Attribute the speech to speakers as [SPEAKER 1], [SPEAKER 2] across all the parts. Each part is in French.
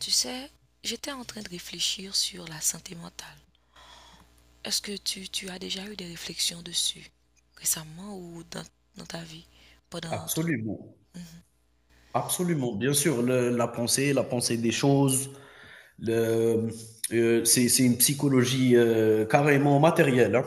[SPEAKER 1] Tu sais, j'étais en train de réfléchir sur la santé mentale. Est-ce que tu as déjà eu des réflexions dessus récemment ou dans ta vie pendant tout.
[SPEAKER 2] Absolument, absolument. Bien sûr, la pensée des choses, le, c'est une psychologie carrément matérielle. Hein.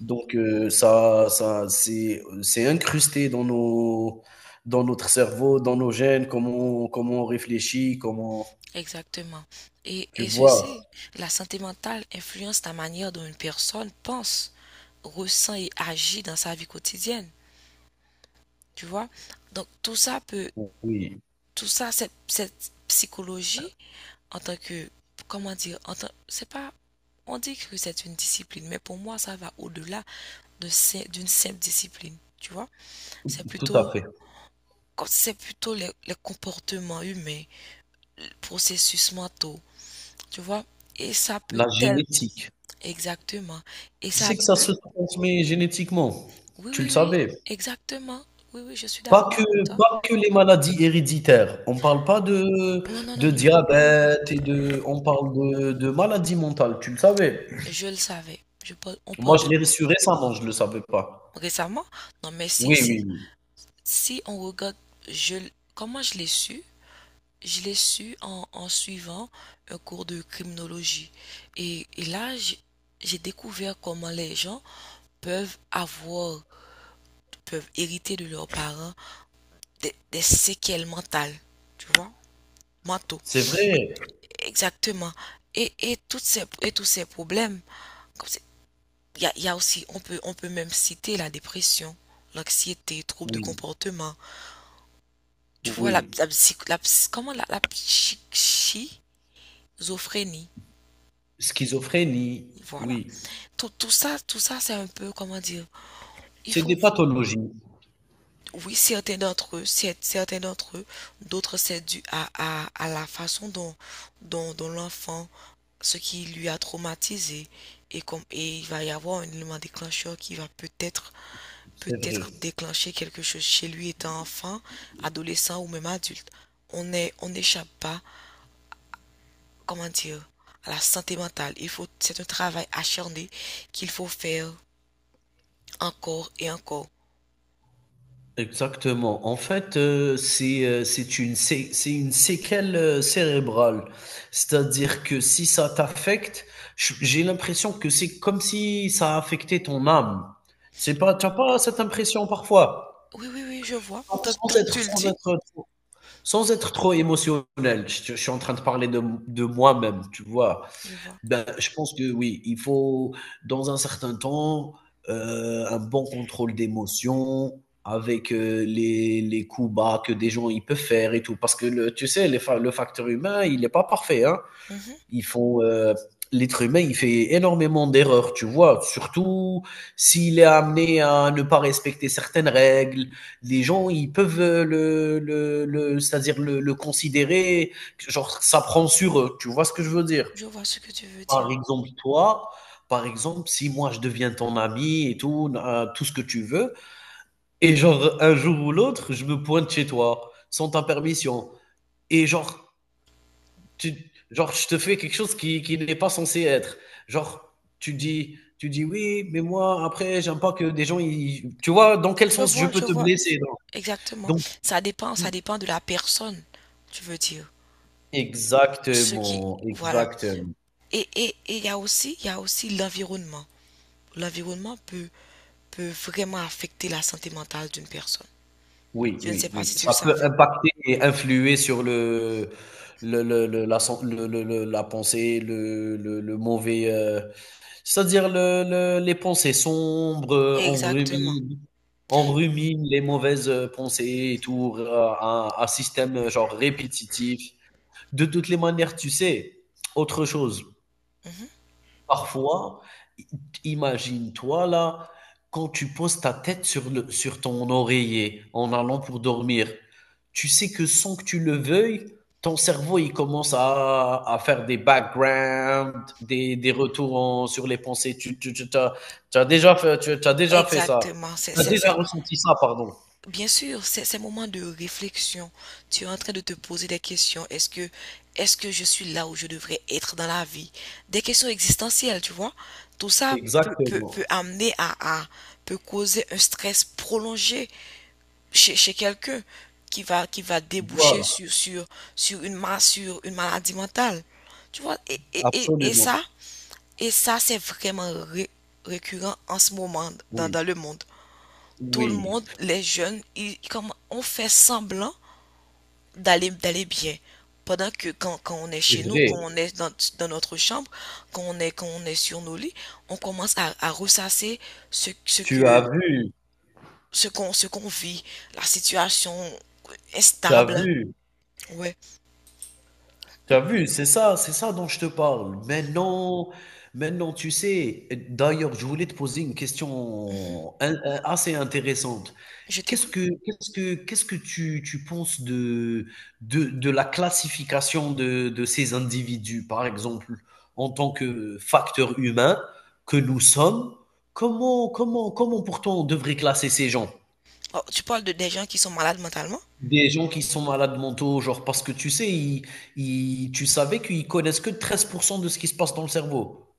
[SPEAKER 2] Donc ça, c'est incrusté dans dans notre cerveau, dans nos gènes, comment on réfléchit,
[SPEAKER 1] Exactement. Et,
[SPEAKER 2] tu
[SPEAKER 1] et
[SPEAKER 2] vois.
[SPEAKER 1] ceci, la santé mentale influence la manière dont une personne pense, ressent et agit dans sa vie quotidienne. Tu vois? Donc tout ça peut,
[SPEAKER 2] Oui,
[SPEAKER 1] tout ça, cette psychologie en tant que, comment dire, en tant- c'est pas, on dit que c'est une discipline, mais pour moi ça va au-delà d'une simple discipline, tu vois. C'est
[SPEAKER 2] tout à
[SPEAKER 1] plutôt,
[SPEAKER 2] fait.
[SPEAKER 1] quand c'est plutôt les comportements humains, les processus mentaux, tu vois. Et ça peut
[SPEAKER 2] La
[SPEAKER 1] tel,
[SPEAKER 2] génétique.
[SPEAKER 1] exactement. Et
[SPEAKER 2] Tu
[SPEAKER 1] ça,
[SPEAKER 2] sais que ça se transmet génétiquement.
[SPEAKER 1] oui,
[SPEAKER 2] Tu le
[SPEAKER 1] oui, oui,
[SPEAKER 2] savais.
[SPEAKER 1] exactement. Oui, oui, je suis
[SPEAKER 2] Pas
[SPEAKER 1] d'accord
[SPEAKER 2] que
[SPEAKER 1] avec toi.
[SPEAKER 2] pas que les maladies héréditaires. On parle pas
[SPEAKER 1] Non, non, non,
[SPEAKER 2] de
[SPEAKER 1] non, non.
[SPEAKER 2] diabète et de on parle de maladies mentales, tu le savais?
[SPEAKER 1] Je le savais. Je parle, on parle
[SPEAKER 2] Moi, je
[SPEAKER 1] de
[SPEAKER 2] l'ai su récemment, je ne le savais pas.
[SPEAKER 1] récemment. Non, mais
[SPEAKER 2] Oui, oui,
[SPEAKER 1] si,
[SPEAKER 2] oui.
[SPEAKER 1] si on regarde, comment je l'ai su? Je l'ai su en, suivant un cours de criminologie. Et là, j'ai découvert comment les gens peuvent avoir, peuvent hériter de leurs parents des séquelles mentales, tu vois, mentaux.
[SPEAKER 2] C'est vrai.
[SPEAKER 1] Exactement. Et tous ces problèmes, comme c'est- il y a aussi, on peut même citer la dépression, l'anxiété, troubles de
[SPEAKER 2] Oui,
[SPEAKER 1] comportement. Tu vois, la,
[SPEAKER 2] oui.
[SPEAKER 1] la psy- comment la, la psy- schizophrénie.
[SPEAKER 2] Schizophrénie,
[SPEAKER 1] Voilà.
[SPEAKER 2] oui.
[SPEAKER 1] Tout ça, c'est un peu, comment dire, il
[SPEAKER 2] C'est
[SPEAKER 1] faut,
[SPEAKER 2] des pathologies,
[SPEAKER 1] oui, certains d'entre eux, certains d'entre eux, d'autres, c'est dû à la façon dont l'enfant, ce qui lui a traumatisé, et comme, et il va y avoir un élément déclencheur qui va peut-être,
[SPEAKER 2] c'est vrai.
[SPEAKER 1] peut-être déclencher quelque chose chez lui étant enfant, adolescent ou même adulte. On n'échappe pas, comment dire, à la santé mentale. Il faut, c'est un travail acharné qu'il faut faire encore et encore.
[SPEAKER 2] Exactement. En fait, c'est une séquelle cérébrale. C'est-à-dire que si ça t'affecte, j'ai l'impression que c'est comme si ça affectait ton âme. C'est pas, t'as pas cette impression parfois,
[SPEAKER 1] Oui, oui, oui, je vois.
[SPEAKER 2] sans,
[SPEAKER 1] Tant
[SPEAKER 2] sans
[SPEAKER 1] que
[SPEAKER 2] être
[SPEAKER 1] tu le
[SPEAKER 2] sans
[SPEAKER 1] dis,
[SPEAKER 2] être trop, sans être trop émotionnel. Je suis en train de parler de moi-même, tu vois.
[SPEAKER 1] je vois.
[SPEAKER 2] Ben, je pense que oui, il faut, dans un certain temps, un bon contrôle d'émotion avec les coups bas que des gens ils peuvent faire et tout. Parce que tu sais, le facteur humain, il n'est pas parfait. Hein.
[SPEAKER 1] Mhm.
[SPEAKER 2] Ils font, euh, l'être humain, il fait énormément d'erreurs, tu vois. Surtout s'il est amené à ne pas respecter certaines règles. Les gens, ils peuvent c'est-à-dire le considérer, genre, ça prend sur eux. Tu vois ce que je veux dire?
[SPEAKER 1] Je vois ce que tu veux dire.
[SPEAKER 2] Par exemple, toi, par exemple, si moi je deviens ton ami et tout, tout ce que tu veux, et genre un jour ou l'autre, je me pointe chez toi sans ta permission, et tu, genre je te fais quelque chose qui n'est pas censé être. Genre, tu dis oui, mais moi après, j'aime pas que des gens, tu vois, dans quel sens je peux
[SPEAKER 1] Je
[SPEAKER 2] te
[SPEAKER 1] vois
[SPEAKER 2] blesser.
[SPEAKER 1] exactement.
[SPEAKER 2] Donc,
[SPEAKER 1] Ça
[SPEAKER 2] si-
[SPEAKER 1] dépend de la personne, tu veux dire. Ce qui,
[SPEAKER 2] Exactement,
[SPEAKER 1] voilà.
[SPEAKER 2] exactement.
[SPEAKER 1] Et il y a aussi, il y a aussi l'environnement. L'environnement peut peut vraiment affecter la santé mentale d'une personne.
[SPEAKER 2] Oui,
[SPEAKER 1] Je ne
[SPEAKER 2] oui,
[SPEAKER 1] sais pas
[SPEAKER 2] oui.
[SPEAKER 1] si tu le
[SPEAKER 2] Ça peut
[SPEAKER 1] savais.
[SPEAKER 2] impacter et influer sur le la sen le la pensée, le mauvais, c'est-à-dire le les pensées sombres,
[SPEAKER 1] Exactement.
[SPEAKER 2] on rumine les mauvaises, pensées et tout, r un système, genre répétitif. De toutes les manières, tu sais, autre chose.
[SPEAKER 1] Mhm.
[SPEAKER 2] Parfois, i imagine-toi là, quand tu poses ta tête sur le sur ton oreiller en allant pour dormir, tu sais que sans que tu le veuilles, ton cerveau, il commence à faire des backgrounds, des retours en sur les pensées. Tu as déjà fait ça?
[SPEAKER 1] Exactement.
[SPEAKER 2] Tu as déjà
[SPEAKER 1] C'est
[SPEAKER 2] ressenti ça, pardon.
[SPEAKER 1] Bien sûr, c'est ces moments de réflexion, tu es en train de te poser des questions. Est-ce que je suis là où je devrais être dans la vie? Des questions existentielles, tu vois. Tout ça
[SPEAKER 2] Exactement,
[SPEAKER 1] peut amener peut causer un stress prolongé chez quelqu'un qui va déboucher
[SPEAKER 2] voilà,
[SPEAKER 1] sur une, sur une maladie mentale. Tu vois,
[SPEAKER 2] absolument.
[SPEAKER 1] et ça, c'est vraiment récurrent en ce moment
[SPEAKER 2] Oui,
[SPEAKER 1] dans le monde. Tout le
[SPEAKER 2] oui,
[SPEAKER 1] monde, les jeunes, ils, comme, on fait semblant d'aller bien. Pendant que quand on est
[SPEAKER 2] c'est
[SPEAKER 1] chez nous, quand
[SPEAKER 2] vrai.
[SPEAKER 1] on est dans, dans notre chambre, quand on est sur nos lits, on commence à ressasser ce, ce
[SPEAKER 2] Tu as
[SPEAKER 1] que
[SPEAKER 2] vu,
[SPEAKER 1] ce qu'on vit, la situation
[SPEAKER 2] tu as
[SPEAKER 1] instable.
[SPEAKER 2] vu.
[SPEAKER 1] Ouais.
[SPEAKER 2] T'as vu? C'est ça dont je te parle. Maintenant, maintenant, tu sais, d'ailleurs, je voulais te poser une
[SPEAKER 1] Mhm.
[SPEAKER 2] question assez intéressante.
[SPEAKER 1] Je t'écoute.
[SPEAKER 2] Qu'est-ce que tu penses de la classification de ces individus, par exemple, en tant que facteur humain que nous sommes? Comment pourtant on devrait classer ces gens?
[SPEAKER 1] Oh, tu parles de des gens qui sont malades mentalement?
[SPEAKER 2] Des gens qui sont malades mentaux, genre, parce que tu sais, tu savais qu'ils connaissent que 13% de ce qui se passe dans le cerveau.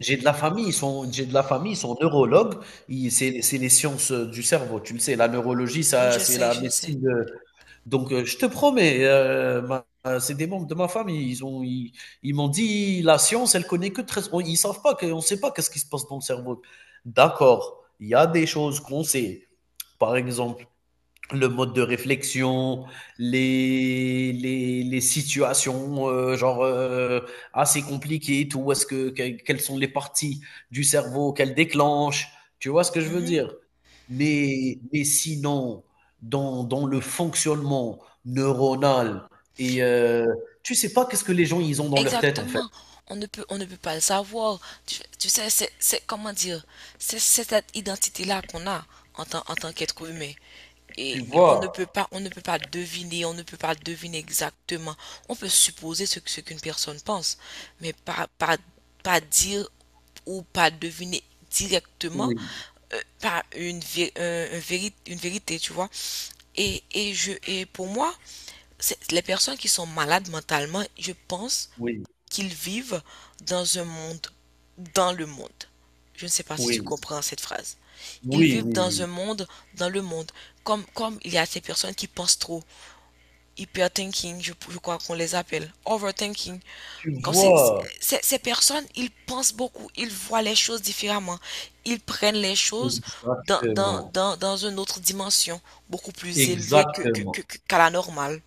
[SPEAKER 2] J'ai de la famille, ils sont neurologues, c'est les sciences du cerveau, tu le sais, la neurologie, ça,
[SPEAKER 1] Je
[SPEAKER 2] c'est
[SPEAKER 1] sais,
[SPEAKER 2] la
[SPEAKER 1] je sais.
[SPEAKER 2] médecine de. Donc, je te promets, c'est des membres de ma famille, ils m'ont dit, la science, elle connaît que ils savent pas, on sait pas qu'est-ce qui se passe dans le cerveau. D'accord, il y a des choses qu'on sait. Par exemple, le mode de réflexion, les situations assez compliquées tout, quelles sont les parties du cerveau qu'elles déclenchent, tu vois ce que je veux
[SPEAKER 1] Mhm.
[SPEAKER 2] dire? Mais sinon, dans le fonctionnement neuronal et tu sais pas qu'est-ce que les gens ils ont dans leur tête en fait,
[SPEAKER 1] Exactement. On ne peut pas le savoir. Tu sais, comment dire, c'est cette identité-là qu'on a en tant qu'être humain. Et
[SPEAKER 2] tu
[SPEAKER 1] et
[SPEAKER 2] vois?
[SPEAKER 1] on ne peut pas deviner, on ne peut pas deviner exactement. On peut supposer ce qu'une personne pense, mais pas dire ou pas deviner directement,
[SPEAKER 2] Oui,
[SPEAKER 1] pas une, une vérité, tu vois. Et pour moi, les personnes qui sont malades mentalement, je pense
[SPEAKER 2] oui,
[SPEAKER 1] qu'ils vivent dans un monde, dans le monde. Je ne sais pas si tu
[SPEAKER 2] oui,
[SPEAKER 1] comprends cette phrase. Ils
[SPEAKER 2] oui,
[SPEAKER 1] vivent
[SPEAKER 2] oui,
[SPEAKER 1] dans
[SPEAKER 2] oui,
[SPEAKER 1] un monde, dans le monde. Comme, comme il y a ces personnes qui pensent trop, hyperthinking, je crois qu'on les appelle, overthinking.
[SPEAKER 2] tu
[SPEAKER 1] Comme c'est-
[SPEAKER 2] vois?
[SPEAKER 1] ces personnes, ils pensent beaucoup, ils voient les choses différemment. Ils prennent les choses
[SPEAKER 2] Exactement,
[SPEAKER 1] dans une autre dimension, beaucoup plus élevée
[SPEAKER 2] exactement.
[SPEAKER 1] qu'à la normale.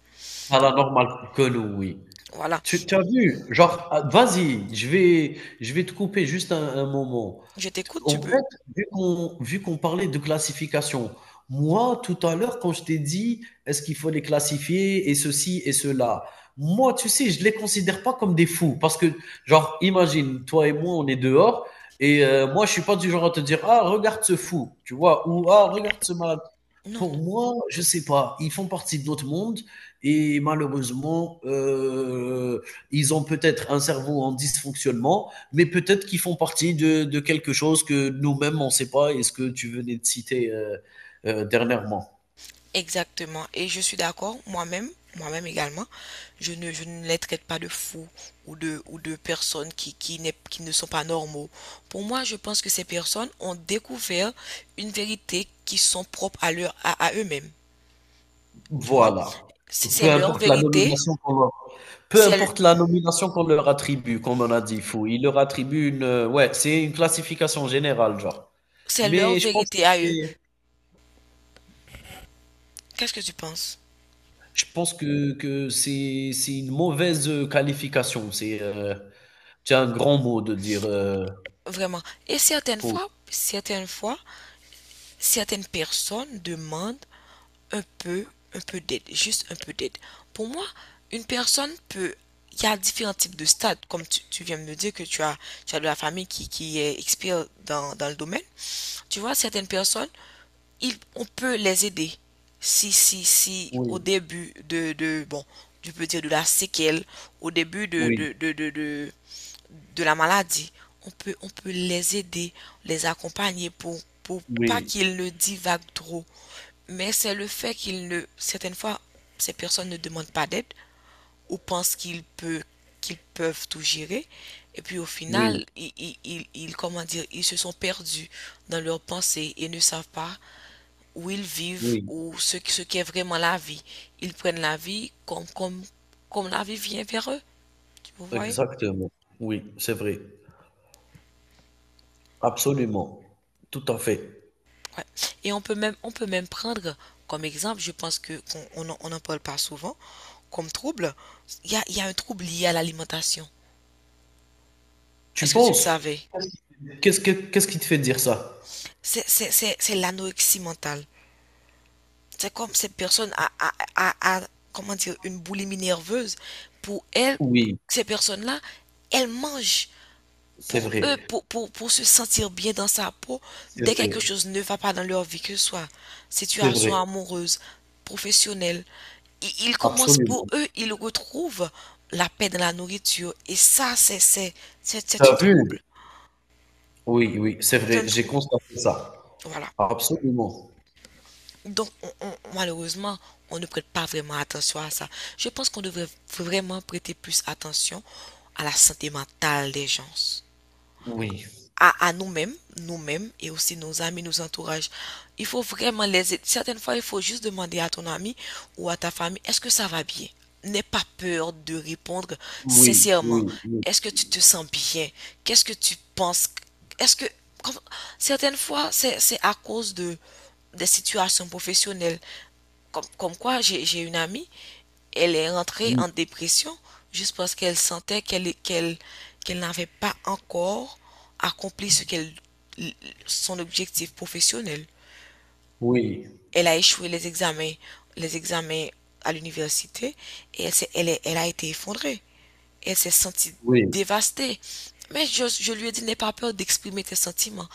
[SPEAKER 2] Paranormal Connery.
[SPEAKER 1] Voilà.
[SPEAKER 2] Tu as vu? Genre, ah, vas-y, je vais te couper juste un moment.
[SPEAKER 1] Je
[SPEAKER 2] T
[SPEAKER 1] t'écoute,
[SPEAKER 2] en
[SPEAKER 1] tu peux.
[SPEAKER 2] fait, vu qu'on parlait de classification, moi, tout à l'heure, quand je t'ai dit: «Est-ce qu'il faut les classifier et ceci et cela?» moi, tu sais, je les considère pas comme des fous parce que, genre, imagine, toi et moi, on est dehors et moi, je suis pas du genre à te dire: «Ah, regarde ce fou», tu vois? Ou: «Ah, regarde ce malade».
[SPEAKER 1] Non,
[SPEAKER 2] Pour
[SPEAKER 1] non.
[SPEAKER 2] moi, je sais pas, ils font partie de notre monde et malheureusement, ils ont peut-être un cerveau en dysfonctionnement, mais peut-être qu'ils font partie de quelque chose que nous-mêmes, on ne sait pas. Est-ce que tu venais de citer dernièrement.
[SPEAKER 1] Exactement. Et je suis d'accord, moi-même, moi-même également, je ne les traite pas de fous ou de personnes qui ne sont pas normaux. Pour moi, je pense que ces personnes ont découvert une vérité qui sont propres à leur, à eux-mêmes. Tu vois?
[SPEAKER 2] Voilà.
[SPEAKER 1] C'est
[SPEAKER 2] Peu
[SPEAKER 1] leur
[SPEAKER 2] importe la
[SPEAKER 1] vérité,
[SPEAKER 2] nomination qu'on leur, peu
[SPEAKER 1] c'est,
[SPEAKER 2] importe la nomination qu'on leur attribue, comme on a dit, fou. Ils leur attribuent une, ouais, c'est une classification générale, genre.
[SPEAKER 1] c'est leur
[SPEAKER 2] Mais je pense
[SPEAKER 1] vérité
[SPEAKER 2] que
[SPEAKER 1] à eux.
[SPEAKER 2] c'est,
[SPEAKER 1] Qu'est-ce que tu penses?
[SPEAKER 2] je pense que c'est une mauvaise qualification. C'est un grand mot de dire,
[SPEAKER 1] Vraiment. Et certaines
[SPEAKER 2] oh,
[SPEAKER 1] fois, certaines fois, certaines personnes demandent un peu, un peu d'aide, juste un peu d'aide. Pour moi, une personne peut... Il y a différents types de stades, comme tu viens de me dire que tu as de la famille qui est expert dans le domaine. Tu vois, certaines personnes, on peut les aider. Si, au
[SPEAKER 2] oui,
[SPEAKER 1] début je peux dire de la séquelle, au début
[SPEAKER 2] oui,
[SPEAKER 1] de la maladie, on peut les aider, les accompagner pour pas
[SPEAKER 2] oui,
[SPEAKER 1] qu'ils ne divaguent trop, mais c'est le fait qu'ils ne, certaines fois, ces personnes ne demandent pas d'aide ou pensent qu'ils peuvent tout gérer. Et puis au
[SPEAKER 2] oui,
[SPEAKER 1] final, comment dire, ils se sont perdus dans leurs pensées et ne savent pas où ils vivent
[SPEAKER 2] oui,
[SPEAKER 1] ou ce qu'est vraiment la vie. Ils prennent la vie comme la vie vient vers eux, tu vous voyez?
[SPEAKER 2] exactement. Oui, c'est vrai. Absolument. Tout à fait.
[SPEAKER 1] Ouais. Et on peut même prendre comme exemple, je pense que qu'on on, n'en parle pas souvent, comme trouble, il y a un trouble lié à l'alimentation.
[SPEAKER 2] Tu
[SPEAKER 1] Est-ce que tu le
[SPEAKER 2] penses?
[SPEAKER 1] savais?
[SPEAKER 2] Qu'est-ce qui te fait dire ça?
[SPEAKER 1] C'est l'anorexie mentale. C'est comme cette personne comment dire, une boulimie nerveuse. Pour elle,
[SPEAKER 2] Oui,
[SPEAKER 1] ces personnes-là, elles mangent
[SPEAKER 2] c'est
[SPEAKER 1] pour eux,
[SPEAKER 2] vrai,
[SPEAKER 1] pour se sentir bien dans sa peau.
[SPEAKER 2] c'est
[SPEAKER 1] Dès que quelque
[SPEAKER 2] vrai,
[SPEAKER 1] chose ne va pas dans leur vie, que ce soit
[SPEAKER 2] c'est
[SPEAKER 1] situation
[SPEAKER 2] vrai,
[SPEAKER 1] amoureuse, professionnelle, ils commencent pour
[SPEAKER 2] absolument.
[SPEAKER 1] eux, ils retrouvent la paix dans la nourriture. Et ça,
[SPEAKER 2] Tu
[SPEAKER 1] c'est un
[SPEAKER 2] as vu?
[SPEAKER 1] trouble.
[SPEAKER 2] Oui, oui, c'est
[SPEAKER 1] C'est un
[SPEAKER 2] vrai, j'ai
[SPEAKER 1] trouble.
[SPEAKER 2] constaté ça.
[SPEAKER 1] Voilà.
[SPEAKER 2] Absolument.
[SPEAKER 1] Donc, malheureusement, on ne prête pas vraiment attention à ça. Je pense qu'on devrait vraiment prêter plus attention à la santé mentale des gens
[SPEAKER 2] Oui,
[SPEAKER 1] à nous-mêmes, nous-mêmes et aussi nos amis, nos entourages. Il faut vraiment les aider. Certaines fois, il faut juste demander à ton ami ou à ta famille, est-ce que ça va bien? N'aie pas peur de répondre
[SPEAKER 2] oui,
[SPEAKER 1] sincèrement.
[SPEAKER 2] oui, oui,
[SPEAKER 1] Est-ce que tu te sens bien? Qu'est-ce que tu penses? Est-ce que comme- certaines fois, c'est à cause de des situations professionnelles comme, comme quoi j'ai une amie, elle est rentrée
[SPEAKER 2] oui,
[SPEAKER 1] en dépression juste parce qu'elle sentait qu'elle n'avait pas encore accompli ce qu'elle son objectif professionnel.
[SPEAKER 2] oui,
[SPEAKER 1] Elle a échoué les examens, les examens à l'université, et elle a été effondrée. Elle s'est sentie
[SPEAKER 2] oui,
[SPEAKER 1] dévastée. Mais je lui ai dit, n'aie pas peur d'exprimer tes sentiments.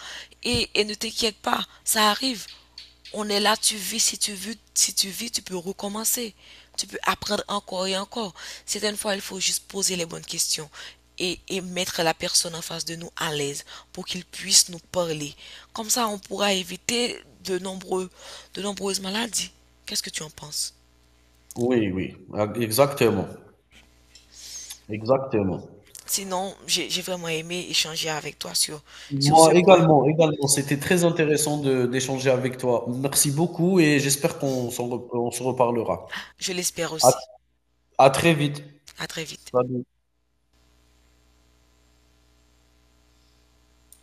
[SPEAKER 1] Et ne t'inquiète pas, ça arrive. On est là, tu vis, si tu vis, tu peux recommencer. Tu peux apprendre encore et encore. Certaines fois, il faut juste poser les bonnes questions et mettre la personne en face de nous à l'aise pour qu'il puisse nous parler. Comme ça, on pourra éviter de nombreuses maladies. Qu'est-ce que tu en penses?
[SPEAKER 2] oui, oui, ah, exactement, exactement.
[SPEAKER 1] Sinon, j'ai vraiment aimé échanger avec toi sur, sur ce
[SPEAKER 2] Moi
[SPEAKER 1] point.
[SPEAKER 2] également, également. C'était très intéressant de d'échanger avec toi. Merci beaucoup et j'espère qu'on on se reparlera.
[SPEAKER 1] Je l'espère
[SPEAKER 2] À,
[SPEAKER 1] aussi.
[SPEAKER 2] à très vite.
[SPEAKER 1] À très vite.
[SPEAKER 2] Salut.